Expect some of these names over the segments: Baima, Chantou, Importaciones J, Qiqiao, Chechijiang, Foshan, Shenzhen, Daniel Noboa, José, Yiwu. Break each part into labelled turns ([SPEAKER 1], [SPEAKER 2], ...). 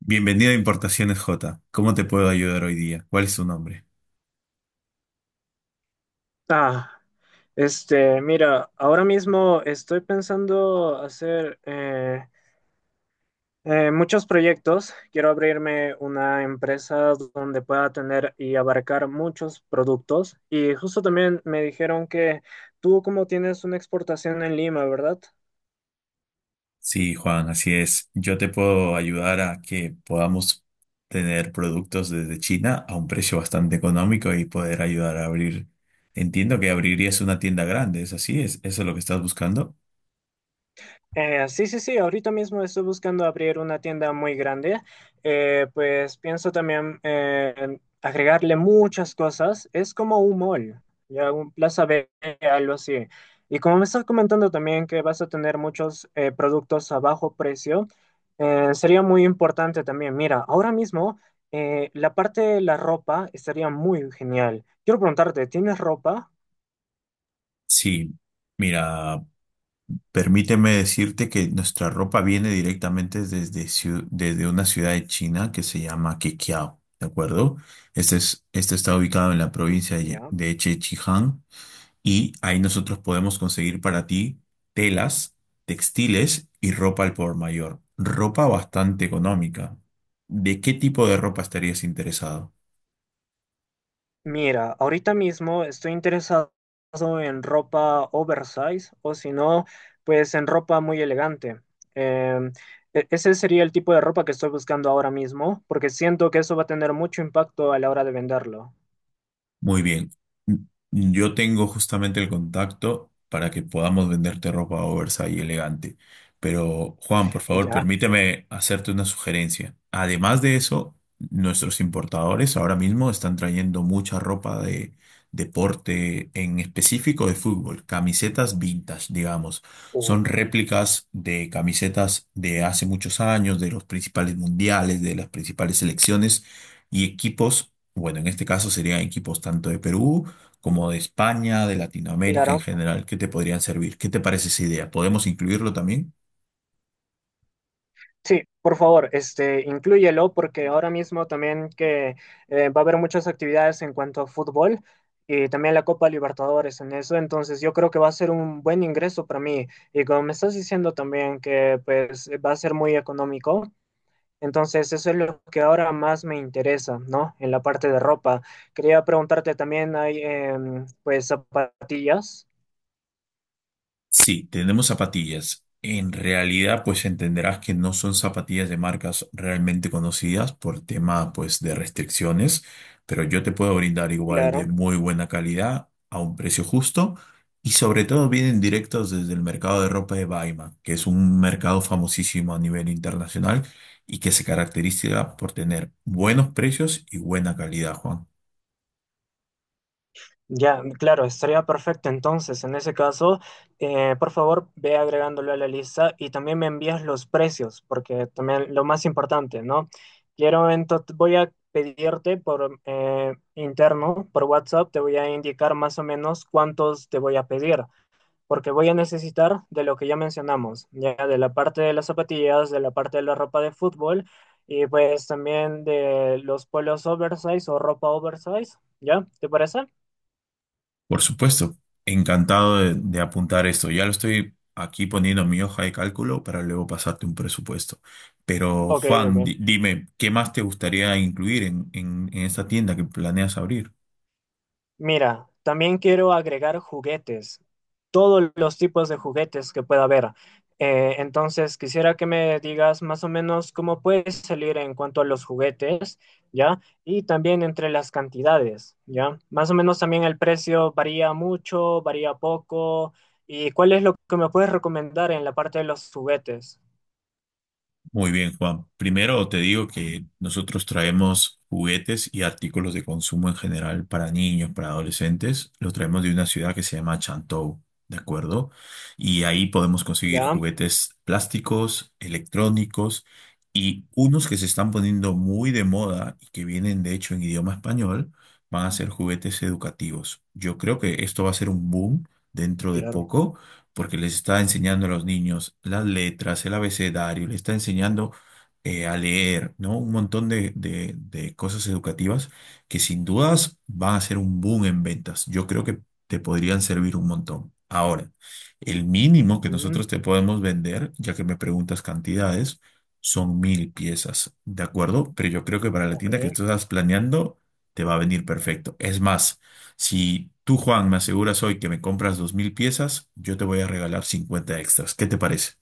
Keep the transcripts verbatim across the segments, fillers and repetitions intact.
[SPEAKER 1] Bienvenido a Importaciones J. ¿Cómo te puedo ayudar hoy día? ¿Cuál es tu nombre?
[SPEAKER 2] Ah, este, mira, ahora mismo estoy pensando hacer eh, eh, muchos proyectos. Quiero abrirme una empresa donde pueda tener y abarcar muchos productos. Y justo también me dijeron que tú como tienes una exportación en Lima, ¿verdad?
[SPEAKER 1] Sí, Juan, así es. Yo te puedo ayudar a que podamos tener productos desde China a un precio bastante económico y poder ayudar a abrir. Entiendo que abrirías una tienda grande, ¿es así? ¿Es eso lo que estás buscando?
[SPEAKER 2] Eh, sí, sí, sí, ahorita mismo estoy buscando abrir una tienda muy grande. Eh, pues pienso también eh, en agregarle muchas cosas. Es como un mall, ya un Plaza B, algo así. Y como me estás comentando también que vas a tener muchos eh, productos a bajo precio, eh, sería muy importante también. Mira, ahora mismo eh, la parte de la ropa estaría muy genial. Quiero preguntarte, ¿tienes ropa?
[SPEAKER 1] Sí, mira, permíteme decirte que nuestra ropa viene directamente desde, ciu- desde una ciudad de China que se llama Qiqiao, ¿de acuerdo? Este, es, este está ubicado en la provincia de,
[SPEAKER 2] Ya.
[SPEAKER 1] de Chechijiang y ahí nosotros podemos conseguir para ti telas, textiles y ropa al por mayor. Ropa bastante económica. ¿De qué tipo de ropa estarías interesado?
[SPEAKER 2] Mira, ahorita mismo estoy interesado en ropa oversize o si no, pues en ropa muy elegante. Em, e- Ese sería el tipo de ropa que estoy buscando ahora mismo, porque siento que eso va a tener mucho impacto a la hora de venderlo.
[SPEAKER 1] Muy bien. Mm, Yo tengo justamente el contacto para que podamos venderte ropa oversize y elegante. Pero, Juan, por favor,
[SPEAKER 2] Ya,
[SPEAKER 1] permíteme hacerte una sugerencia. Además de eso, nuestros importadores ahora mismo están trayendo mucha ropa de deporte, en específico de fútbol, camisetas vintage, digamos. Son
[SPEAKER 2] eh,
[SPEAKER 1] réplicas de camisetas de hace muchos años, de los principales mundiales, de las principales selecciones y equipos bueno, en este caso serían equipos tanto de Perú como de España, de Latinoamérica en
[SPEAKER 2] claro.
[SPEAKER 1] general, que te podrían servir. ¿Qué te parece esa idea? ¿Podemos incluirlo también?
[SPEAKER 2] Sí, por favor, este, inclúyelo porque ahora mismo también que eh, va a haber muchas actividades en cuanto a fútbol y también la Copa Libertadores en eso, entonces yo creo que va a ser un buen ingreso para mí y como me estás diciendo también que pues va a ser muy económico, entonces eso es lo que ahora más me interesa, ¿no? En la parte de ropa. Quería preguntarte también, ¿hay em, pues zapatillas?
[SPEAKER 1] Sí, tenemos zapatillas. En realidad, pues entenderás que no son zapatillas de marcas realmente conocidas por tema, pues, de restricciones, pero yo te puedo brindar igual de
[SPEAKER 2] Claro.
[SPEAKER 1] muy buena calidad a un precio justo y sobre todo vienen directos desde el mercado de ropa de Baima, que es un mercado famosísimo a nivel internacional y que se caracteriza por tener buenos precios y buena calidad, Juan.
[SPEAKER 2] Ya, claro, estaría perfecto. Entonces, en ese caso, eh, por favor, ve agregándolo a la lista y también me envías los precios, porque también lo más importante, ¿no? Quiero, entonces, voy a pedirte por eh, interno, por WhatsApp, te voy a indicar más o menos cuántos te voy a pedir, porque voy a necesitar de lo que ya mencionamos, ya de la parte de las zapatillas, de la parte de la ropa de fútbol y pues también de los polos oversize o ropa oversize, ¿ya? ¿Te parece?
[SPEAKER 1] Por supuesto, encantado de, de apuntar esto. Ya lo estoy aquí poniendo en mi hoja de cálculo para luego pasarte un presupuesto. Pero
[SPEAKER 2] Ok, ok.
[SPEAKER 1] Juan, di- dime, ¿qué más te gustaría incluir en en, en esta tienda que planeas abrir?
[SPEAKER 2] Mira, también quiero agregar juguetes, todos los tipos de juguetes que pueda haber. Eh, entonces, quisiera que me digas más o menos cómo puedes salir en cuanto a los juguetes, ¿ya? Y también entre las cantidades, ¿ya? Más o menos también el precio varía mucho, varía poco. ¿Y cuál es lo que me puedes recomendar en la parte de los juguetes?
[SPEAKER 1] Muy bien, Juan. Primero te digo que nosotros traemos juguetes y artículos de consumo en general para niños, para adolescentes. Los traemos de una ciudad que se llama Chantou, ¿de acuerdo? Y ahí podemos conseguir
[SPEAKER 2] ¿Ya?
[SPEAKER 1] juguetes plásticos, electrónicos y unos que se están poniendo muy de moda y que vienen de hecho en idioma español, van a ser juguetes educativos. Yo creo que esto va a ser un boom dentro de
[SPEAKER 2] Claro.
[SPEAKER 1] poco porque les está enseñando a los niños las letras, el abecedario, les está enseñando eh, a leer, ¿no? Un montón de, de- de cosas educativas que sin dudas van a ser un boom en ventas. Yo creo que te podrían servir un montón. Ahora, el mínimo que nosotros
[SPEAKER 2] Mm,
[SPEAKER 1] te podemos vender, ya que me preguntas cantidades, son mil piezas, ¿de acuerdo? Pero yo creo que para la
[SPEAKER 2] ok.
[SPEAKER 1] tienda que tú estás planeando, te va a venir perfecto. Es más, si tú, Juan, me aseguras hoy que me compras dos mil piezas, yo te voy a regalar cincuenta extras. ¿Qué te parece?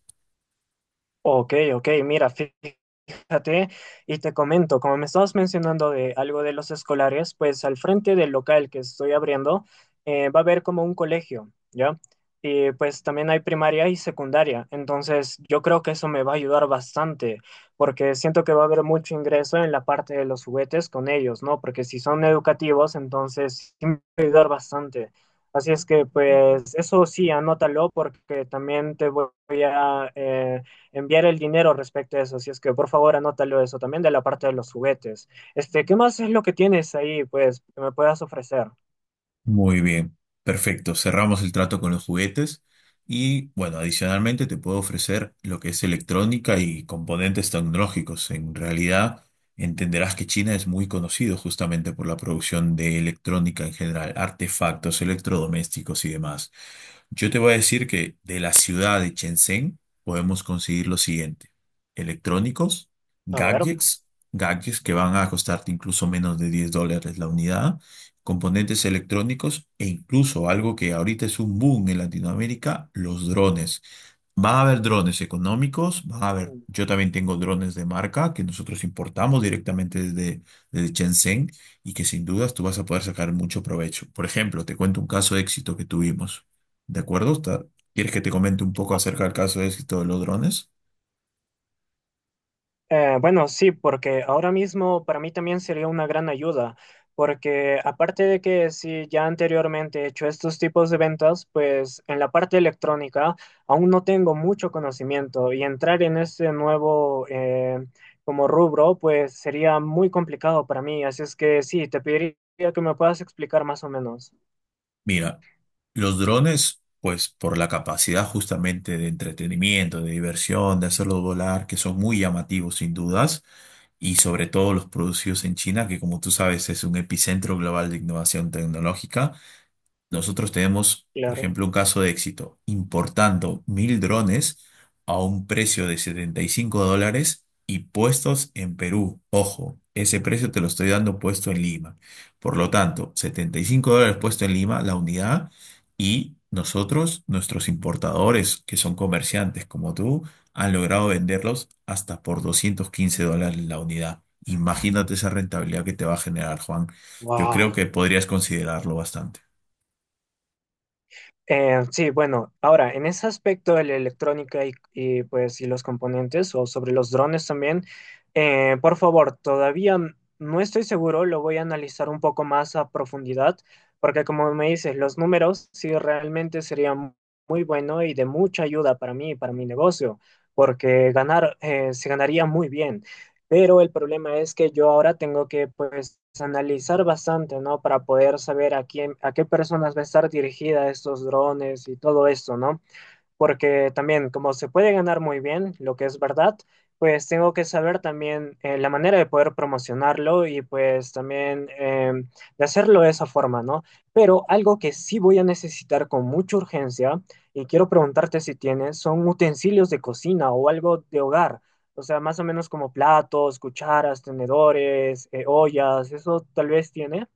[SPEAKER 2] Ok, ok, mira, fíjate. Fíjate, y te comento, como me estabas mencionando de algo de los escolares, pues al frente del local que estoy abriendo eh, va a haber como un colegio, ¿ya? Y pues también hay primaria y secundaria, entonces yo creo que eso me va a ayudar bastante, porque siento que va a haber mucho ingreso en la parte de los juguetes con ellos, ¿no? Porque si son educativos, entonces sí me va a ayudar bastante. Así es que pues eso sí, anótalo porque también te voy a... eh, enviar el dinero respecto a eso. Así es que por favor anótalo eso también de la parte de los juguetes. Este, ¿qué más es lo que tienes ahí, pues, que me puedas ofrecer?
[SPEAKER 1] Muy bien, perfecto. Cerramos el trato con los juguetes y, bueno, adicionalmente te puedo ofrecer lo que es electrónica y componentes tecnológicos. En realidad, entenderás que China es muy conocido justamente por la producción de electrónica en general, artefactos, electrodomésticos y demás. Yo te voy a decir que de la ciudad de Shenzhen podemos conseguir lo siguiente: electrónicos,
[SPEAKER 2] A ver.
[SPEAKER 1] gadgets, gadgets que van a costarte incluso menos de diez dólares la unidad, componentes electrónicos e incluso algo que ahorita es un boom en Latinoamérica, los drones. Van a haber drones económicos, van a haber, yo también tengo drones de marca que nosotros importamos directamente desde, desde Shenzhen y que sin dudas tú vas a poder sacar mucho provecho. Por ejemplo, te cuento un caso de éxito que tuvimos. ¿De acuerdo? Está- ¿Quieres que te comente un poco acerca del caso de éxito de los drones?
[SPEAKER 2] Eh, bueno, sí, porque ahora mismo para mí también sería una gran ayuda, porque aparte de que sí, ya anteriormente he hecho estos tipos de ventas, pues en la parte electrónica aún no tengo mucho conocimiento y entrar en este nuevo eh, como rubro, pues sería muy complicado para mí, así es que sí, te pediría que me puedas explicar más o menos.
[SPEAKER 1] Mira, los drones, pues por la capacidad justamente de entretenimiento, de diversión, de hacerlos volar, que son muy llamativos sin dudas, y sobre todo los producidos en China, que como tú sabes es un epicentro global de innovación tecnológica. Nosotros tenemos, por
[SPEAKER 2] Claro.
[SPEAKER 1] ejemplo, un caso de éxito, importando mil drones a un precio de setenta y cinco dólares y puestos en Perú. Ojo, ese precio te lo estoy dando puesto en Lima. Por lo tanto, setenta y cinco dólares puesto en Lima, la unidad, y nosotros, nuestros importadores, que son comerciantes como tú, han logrado venderlos hasta por doscientos quince dólares la unidad. Imagínate esa rentabilidad que te va a generar, Juan. Yo creo
[SPEAKER 2] Wow.
[SPEAKER 1] que podrías considerarlo bastante.
[SPEAKER 2] Eh, sí, bueno, ahora en ese aspecto de la electrónica y, y, pues y los componentes o sobre los drones también, eh, por favor, todavía n- no estoy seguro, lo voy a analizar un poco más a profundidad, porque como me dices, los números sí realmente serían muy bueno y de mucha ayuda para mí y para mi negocio, porque ganar eh, se ganaría muy bien. Pero el problema es que yo ahora tengo que pues analizar bastante, ¿no? Para poder saber a quién, a qué personas va a estar dirigida estos drones y todo esto, ¿no? Porque también como se puede ganar muy bien, lo que es verdad, pues tengo que saber también eh, la manera de poder promocionarlo y pues también eh, de hacerlo de esa forma, ¿no? Pero algo que sí voy a necesitar con mucha urgencia y quiero preguntarte si tienes, son utensilios de cocina o algo de hogar. O sea, más o menos como platos, cucharas, tenedores, eh, ollas, eso tal vez tiene.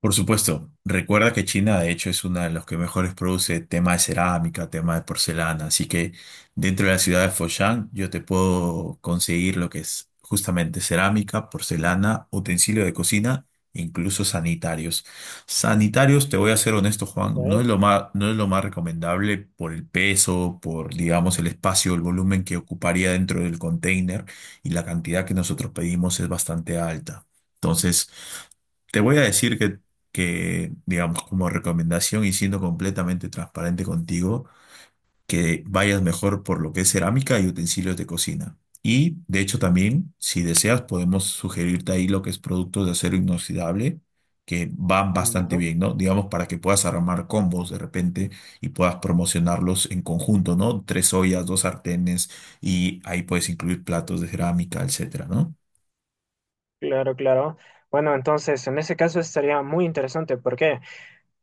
[SPEAKER 1] Por supuesto, recuerda que China de hecho es una de las que mejores produce tema de cerámica, tema de porcelana, así que dentro de la ciudad de Foshan yo te puedo conseguir lo que es justamente cerámica, porcelana, utensilio de cocina, e incluso sanitarios. Sanitarios, te voy a ser honesto,
[SPEAKER 2] Ok,
[SPEAKER 1] Juan, no es lo más, no es lo más recomendable por el peso, por digamos el espacio, el volumen que ocuparía dentro del container y la cantidad que nosotros pedimos es bastante alta. Entonces, te voy a decir que, que, digamos, como recomendación y siendo completamente transparente contigo, que vayas mejor por lo que es cerámica y utensilios de cocina. Y, de hecho, también, si deseas, podemos sugerirte ahí lo que es productos de acero inoxidable, que van
[SPEAKER 2] ya,
[SPEAKER 1] bastante bien, ¿no? Digamos, para que puedas armar combos de repente y puedas promocionarlos en conjunto, ¿no? Tres ollas, dos sartenes y ahí puedes incluir platos de cerámica, etcétera, ¿no?
[SPEAKER 2] claro, claro. Bueno, entonces en ese caso estaría muy interesante. ¿Por qué?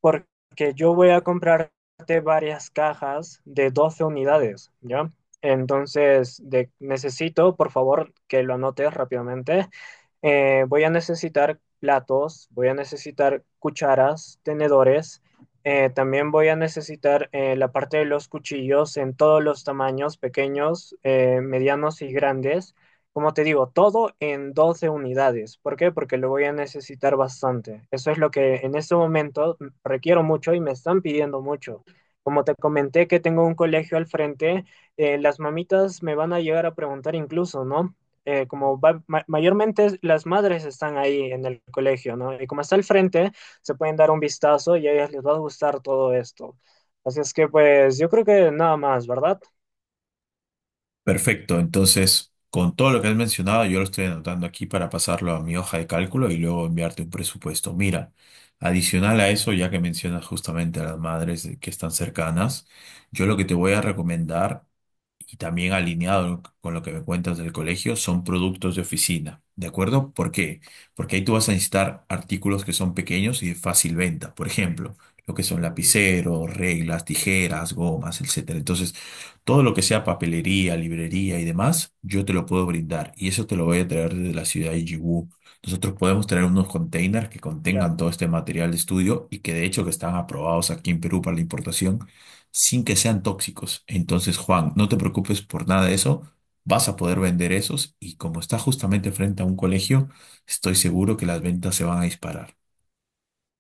[SPEAKER 2] Porque yo voy a comprarte varias cajas de doce unidades, ¿ya? Entonces, de- necesito, por favor, que lo anotes rápidamente. Eh, voy a necesitar platos, voy a necesitar cucharas, tenedores. eh, también voy a necesitar eh, la parte de los cuchillos en todos los tamaños, pequeños, eh, medianos y grandes. Como te digo, todo en doce unidades. ¿Por qué? Porque lo voy a necesitar bastante. Eso es lo que en este momento requiero mucho y me están pidiendo mucho. Como te comenté que tengo un colegio al frente, eh, las mamitas me van a llegar a preguntar incluso, ¿no? Eh, como va- ma- mayormente las madres están ahí en el colegio, ¿no? Y como está al frente, se pueden dar un vistazo y a ellas les va a gustar todo esto. Así es que pues yo creo que nada más, ¿verdad?
[SPEAKER 1] Perfecto, entonces con todo lo que has mencionado yo lo estoy anotando aquí para pasarlo a mi hoja de cálculo y luego enviarte un presupuesto. Mira, adicional a eso, ya que mencionas justamente a las madres que están cercanas, yo lo que te voy a recomendar y también alineado con lo que me cuentas del colegio, son productos de oficina, ¿de acuerdo? ¿Por qué? Porque ahí tú vas a necesitar artículos que son pequeños y de fácil venta, por ejemplo, lo que son
[SPEAKER 2] Mm,
[SPEAKER 1] lapiceros, reglas, tijeras, gomas, etcétera. Entonces, todo lo que sea papelería, librería y demás, yo te lo puedo brindar y eso te lo voy a traer desde la ciudad de Yiwu. Nosotros podemos traer unos containers que
[SPEAKER 2] claro.
[SPEAKER 1] contengan todo este material de estudio y que de hecho que están aprobados aquí en Perú para la importación sin que sean tóxicos. Entonces, Juan, no te preocupes por nada de eso. Vas a poder vender esos y como está justamente frente a un colegio, estoy seguro que las ventas se van a disparar.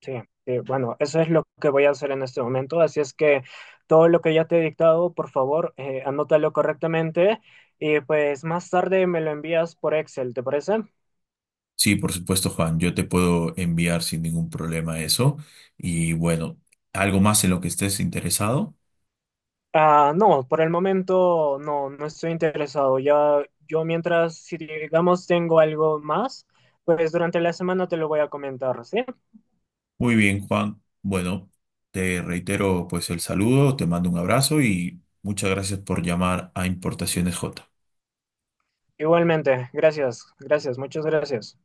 [SPEAKER 2] Sí, sí, bueno, eso es lo que voy a hacer en este momento. Así es que todo lo que ya te he dictado, por favor, eh, anótalo correctamente y pues más tarde me lo envías por Excel, ¿te parece?
[SPEAKER 1] Sí, por supuesto, Juan. Yo te puedo enviar sin ningún problema eso. Y bueno, algo más en lo que estés interesado.
[SPEAKER 2] Ah, no, por el momento no, no estoy interesado. Ya, yo mientras, si digamos tengo algo más, pues durante la semana te lo voy a comentar, ¿sí?
[SPEAKER 1] Muy bien, Juan. Bueno, te reitero pues el saludo, te mando un abrazo y muchas gracias por llamar a Importaciones J.
[SPEAKER 2] Igualmente, gracias, gracias, muchas gracias.